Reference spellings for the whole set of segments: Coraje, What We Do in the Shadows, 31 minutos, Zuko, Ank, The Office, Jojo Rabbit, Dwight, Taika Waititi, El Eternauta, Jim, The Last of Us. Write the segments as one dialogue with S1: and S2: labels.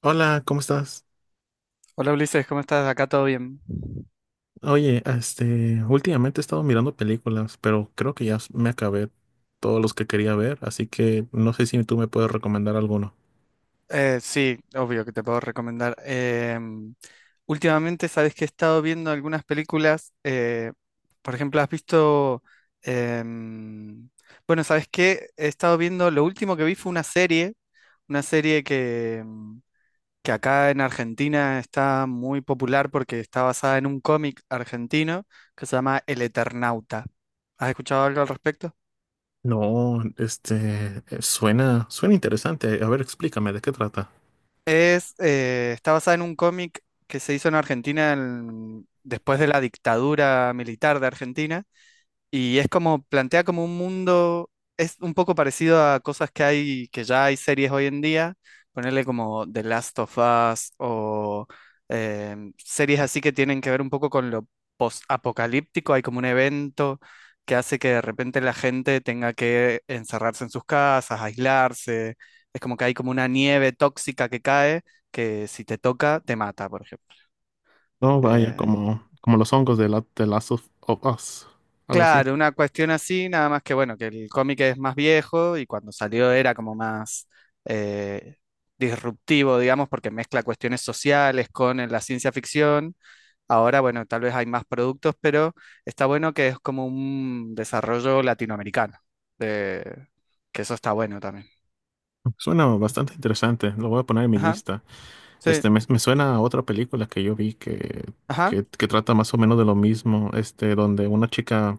S1: Hola, ¿cómo estás?
S2: Hola Ulises, ¿cómo estás? ¿Acá todo bien?
S1: Oye, últimamente he estado mirando películas, pero creo que me acabé todos los que quería ver, así que no sé si tú me puedes recomendar alguno.
S2: Sí, obvio que te puedo recomendar. Últimamente, sabes que he estado viendo algunas películas. Por ejemplo, has visto. em, bueno, sabes que he estado viendo. Lo último que vi fue una serie. Una serie que que acá en Argentina está muy popular porque está basada en un cómic argentino que se llama El Eternauta. ¿Has escuchado algo al respecto?
S1: No, suena interesante. A ver, explícame, ¿de qué trata?
S2: Está basada en un cómic que se hizo en Argentina después de la dictadura militar de Argentina. Y es como, plantea como un mundo, es un poco parecido a cosas que hay, que ya hay series hoy en día, ponerle como The Last of Us o series así que tienen que ver un poco con lo post-apocalíptico, hay como un evento que hace que de repente la gente tenga que encerrarse en sus casas, aislarse, es como que hay como una nieve tóxica que cae, que si te toca, te mata, por ejemplo.
S1: No, vaya,
S2: Eh,
S1: como los hongos de la, The Last of Us, algo así.
S2: Claro, una cuestión así, nada más que bueno, que el cómic es más viejo y cuando salió era como más eh, disruptivo, digamos, porque mezcla cuestiones sociales con la ciencia ficción. Ahora, bueno, tal vez hay más productos, pero está bueno que es como un desarrollo latinoamericano, de- que eso está bueno también.
S1: Suena bastante interesante, lo voy a poner en mi
S2: Ajá,
S1: lista.
S2: sí,
S1: Este, me suena a otra película que
S2: ajá,
S1: que trata más o menos de lo mismo, este, donde una chica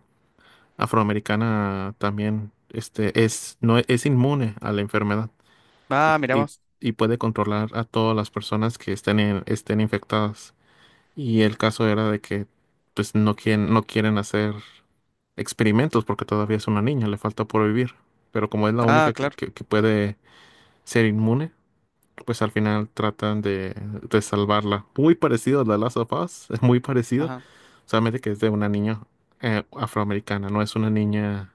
S1: afroamericana también este, es, no, es inmune a la enfermedad
S2: ah,
S1: y, y-
S2: miramos,
S1: y puede controlar a todas las personas que estén infectadas. Y el caso era de que pues, no quieren hacer experimentos porque todavía es una niña, le falta por vivir. Pero como es la
S2: ah,
S1: única
S2: claro,
S1: que puede ser inmune, pues al final tratan de salvarla. Muy parecido a The Last of Us, es muy parecido,
S2: ajá,
S1: solamente que es de una niña afroamericana, no es una niña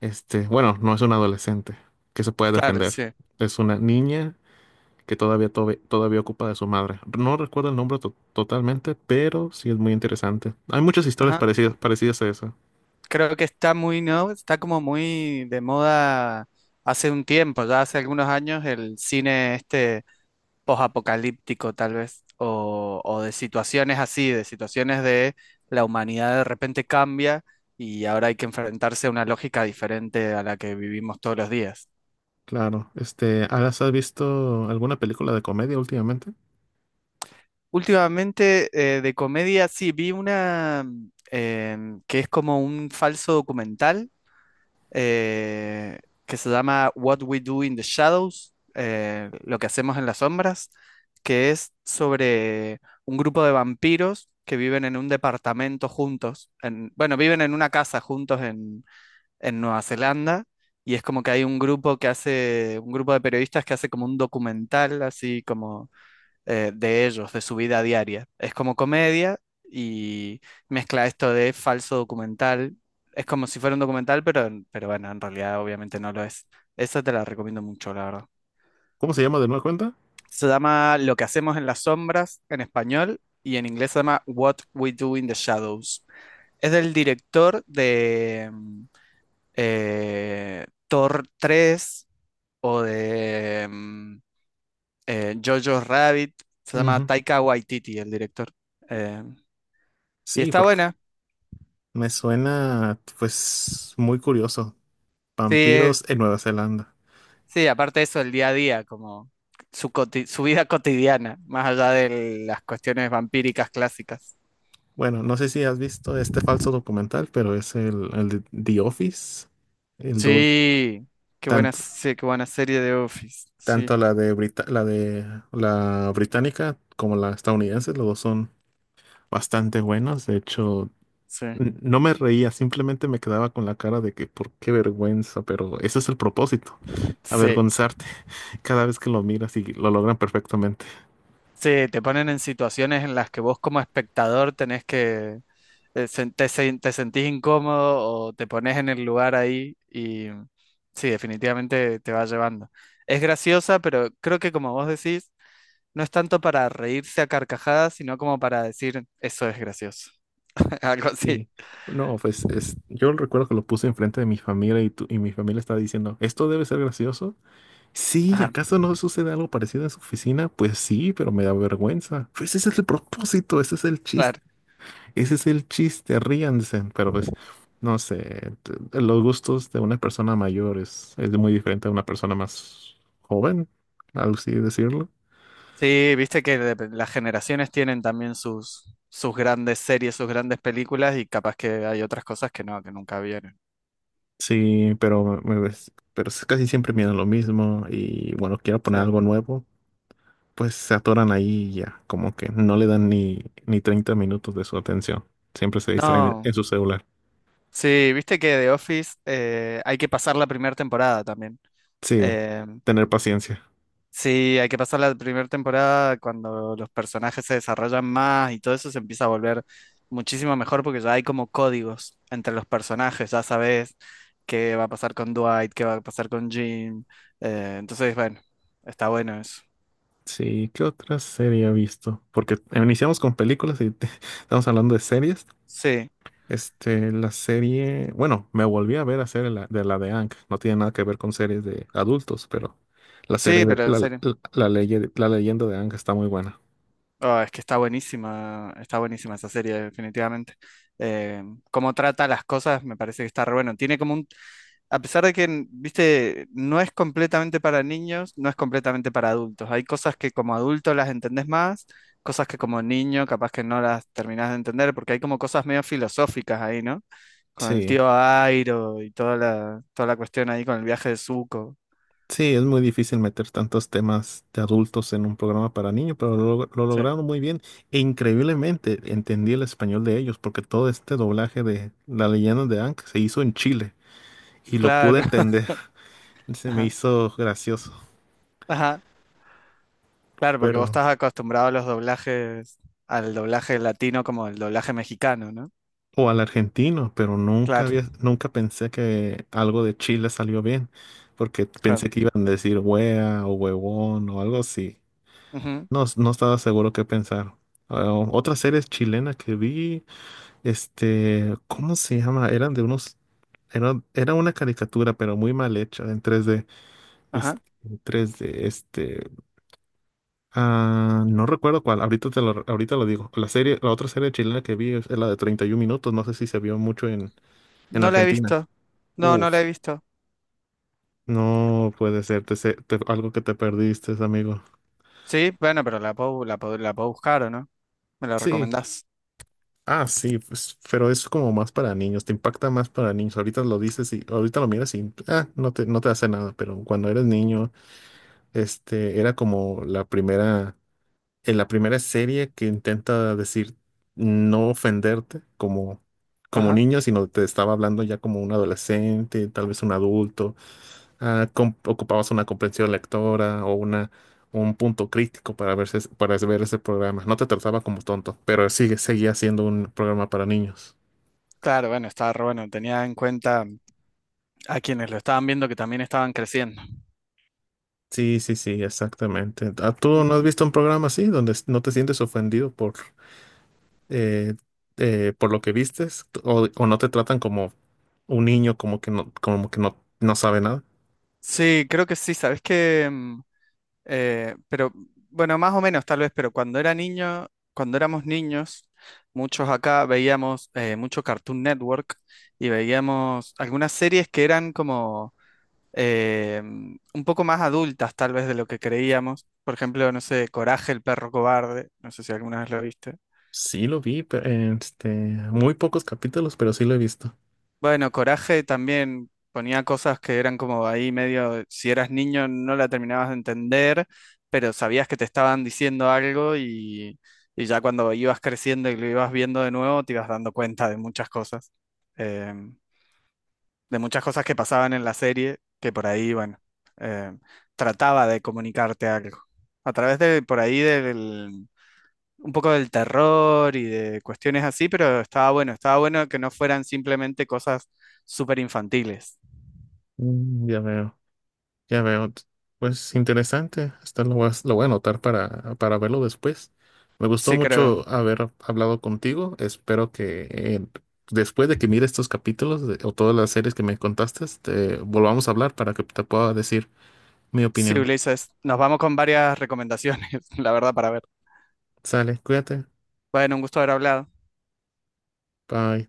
S1: no es una adolescente que se puede
S2: claro,
S1: defender.
S2: sí,
S1: Es una niña que todavía ocupa de su madre. No recuerdo el nombre totalmente, pero sí es muy interesante. Hay muchas historias
S2: ajá.
S1: parecidas a esa.
S2: Creo que está muy, ¿no? Está como muy de moda hace un tiempo, ya hace algunos años, el cine este posapocalíptico tal vez, o de situaciones así, de situaciones de la humanidad de repente cambia y ahora hay que enfrentarse a una lógica diferente a la que vivimos todos los días.
S1: Claro. Este, ¿has visto alguna película de comedia últimamente?
S2: Últimamente, de comedia, sí, vi una que es como un falso documental eh, que se llama What We Do in the Shadows, lo que hacemos en las sombras, que es sobre un grupo de vampiros que viven en un departamento juntos, bueno, viven en una casa juntos en Nueva Zelanda, y es como que hay un grupo que hace, un grupo de periodistas que hace como un documental, así como de ellos, de su vida diaria. Es como comedia y mezcla esto de falso documental. Es como si fuera un documental, pero bueno, en realidad obviamente no lo es. Esa te la recomiendo mucho, la verdad.
S1: ¿Cómo se llama de nueva cuenta?
S2: Se llama Lo que hacemos en las sombras en español y en inglés se llama What We Do in the Shadows. Es del director de Thor 3 o de Jojo Rabbit. Se llama
S1: Ujú.
S2: Taika Waititi, el director. Eh, Y
S1: Sí,
S2: está
S1: porque
S2: buena.
S1: me suena, pues, muy curioso.
S2: Sí,
S1: Vampiros en Nueva Zelanda.
S2: sí, aparte de eso, el día a día, como su vida cotidiana, más allá de las cuestiones vampíricas clásicas.
S1: Bueno, no sé si has visto este falso documental, pero es el de The Office. El,
S2: Sí, qué buena,
S1: Tanto,
S2: se- qué buena serie de Office. Sí,
S1: tanto la de la británica como la estadounidense, los dos son bastante buenos. De hecho,
S2: sí.
S1: no me reía, simplemente me quedaba con la cara de que por qué vergüenza, pero ese es el propósito,
S2: Sí,
S1: avergonzarte cada vez que lo miras y lo logran perfectamente.
S2: sí, te ponen en situaciones en las que vos como espectador tenés que te sentís incómodo o te pones en el lugar ahí y sí, definitivamente te va llevando. Es graciosa, pero creo que como vos decís no es tanto para reírse a carcajadas, sino como para decir, eso es gracioso. Algo así.
S1: Sí. No, pues es, yo recuerdo que lo puse enfrente de mi familia y mi familia estaba diciendo, ¿esto debe ser gracioso? Sí,
S2: Ajá,
S1: ¿acaso no sucede algo parecido en su oficina? Pues sí, pero me da vergüenza. Pues ese es el propósito, ese es el chiste.
S2: claro.
S1: Ese es el chiste, ríanse, pero pues, no sé, los gustos de una persona mayor es muy diferente a una persona más joven, algo así decirlo.
S2: Sí, viste que las generaciones tienen también sus, sus grandes series, sus grandes películas y capaz que hay otras cosas que no, que nunca vieron.
S1: Sí, pero, pero es casi siempre miran lo mismo y bueno, quiero poner
S2: Sí.
S1: algo nuevo, pues se atoran ahí y ya, como que no le dan ni 30 minutos de su atención, siempre se distraen
S2: No,
S1: en su celular.
S2: sí, viste que The Office hay que pasar la primera temporada también.
S1: Sí,
S2: Eh,
S1: tener paciencia.
S2: Sí, hay que pasar la primera temporada cuando los personajes se desarrollan más y todo eso se empieza a volver muchísimo mejor porque ya hay como códigos entre los personajes, ya sabes qué va a pasar con Dwight, qué va a pasar con Jim. Entonces, bueno, está bueno eso.
S1: Sí, ¿qué otra serie he visto? Porque iniciamos con películas y estamos hablando de series.
S2: Sí,
S1: Este, la serie, bueno, me volví a ver a serie la de Ank. No tiene nada que ver con series de adultos, pero la serie
S2: sí,
S1: de
S2: pero en serio.
S1: la leyenda de Ank está muy buena.
S2: Ah, es que está buenísima esa serie, definitivamente. Eh, Cómo trata las cosas, me parece que está re bueno. Tiene como un, a pesar de que, viste, no es completamente para niños, no es completamente para adultos. Hay cosas que como adulto las entendés más, cosas que como niño capaz que no las terminás de entender, porque hay como cosas medio filosóficas ahí, ¿no? Con el
S1: Sí,
S2: tío Airo y toda toda la cuestión ahí con el viaje de Zuko.
S1: sí, es muy difícil meter tantos temas de adultos en un programa para niños, pero lo
S2: Sí,
S1: lograron muy bien. E increíblemente entendí el español de ellos, porque todo este doblaje de la leyenda de Ank se hizo en Chile y lo pude
S2: claro.
S1: entender. Se me
S2: Ajá.
S1: hizo gracioso,
S2: Ajá, claro, porque vos
S1: pero
S2: estás acostumbrado a los doblajes, al doblaje latino como el doblaje mexicano, ¿no?
S1: o al argentino, pero
S2: Claro,
S1: nunca pensé que algo de Chile salió bien, porque
S2: claro.
S1: pensé que iban a decir wea o huevón o algo así.
S2: Ujú,
S1: No, no estaba seguro qué pensar. Ah, otra serie chilena que vi, este, ¿cómo se llama? Eran de unos, era una caricatura, pero muy mal hecha, en tres d es-
S2: ajá.
S1: este, ah, no recuerdo cuál, ahorita lo digo. La serie, la otra serie chilena que vi es la de 31 minutos, no sé si se vio mucho en
S2: No la he
S1: Argentina.
S2: visto. No, no
S1: Uf,
S2: la he visto.
S1: no puede ser, algo que te perdiste, amigo.
S2: Sí, bueno, pero la puedo, la puedo buscar, ¿o no? ¿Me la
S1: Sí,
S2: recomendás?
S1: ah, sí, pues, pero es como más para niños, te impacta más para niños. Ahorita lo dices y ahorita lo miras y ah, no te hace nada, pero cuando eres niño, era como en la primera serie que intenta decir no ofenderte como
S2: Ajá.
S1: niño, sino te estaba hablando ya como un adolescente, tal vez un adulto. Ah, ocupabas una comprensión lectora un punto crítico para verse, para ver ese programa. No te trataba como tonto, pero seguía siendo un programa para niños.
S2: Claro, bueno, estaba re bueno. Tenía en cuenta a quienes lo estaban viendo que también estaban creciendo.
S1: Sí, sí, sí, exactamente. Ah, ¿tú no
S2: Ujú.
S1: has visto un programa así donde no te sientes ofendido eh, por lo que vistes o no te tratan como un niño como que no, no sabe nada?
S2: Sí, creo que sí. ¿Sabes qué? Pero bueno, más o menos tal vez, cuando éramos niños, muchos acá veíamos mucho Cartoon Network y veíamos algunas series que eran como un poco más adultas tal vez de lo que creíamos. Por ejemplo, no sé, Coraje, el perro cobarde, no sé si alguna vez lo viste.
S1: Sí lo vi, pero, este, muy pocos capítulos, pero sí lo he visto.
S2: Bueno, Coraje también ponía cosas que eran como ahí medio, si eras niño no la terminabas de entender, pero sabías que te estaban diciendo algo y ya cuando ibas creciendo y lo ibas viendo de nuevo te ibas dando cuenta eh, de muchas cosas que pasaban en la serie, que por ahí, bueno, eh, trataba de comunicarte algo. A través de, por ahí del, un poco del terror y de cuestiones así, pero estaba bueno que no fueran simplemente cosas súper infantiles.
S1: Mm, ya veo. Ya veo, pues interesante. Hasta lo voy a anotar para verlo después. Me gustó
S2: Sí, creo.
S1: mucho haber hablado contigo. Espero que después de que mire estos capítulos o todas las series que me contaste, te volvamos a hablar para que te pueda decir mi
S2: Sí,
S1: opinión.
S2: Ulises, nos vamos con varias recomendaciones, la verdad, para ver.
S1: Sale, cuídate.
S2: Bueno, un gusto haber hablado.
S1: Bye.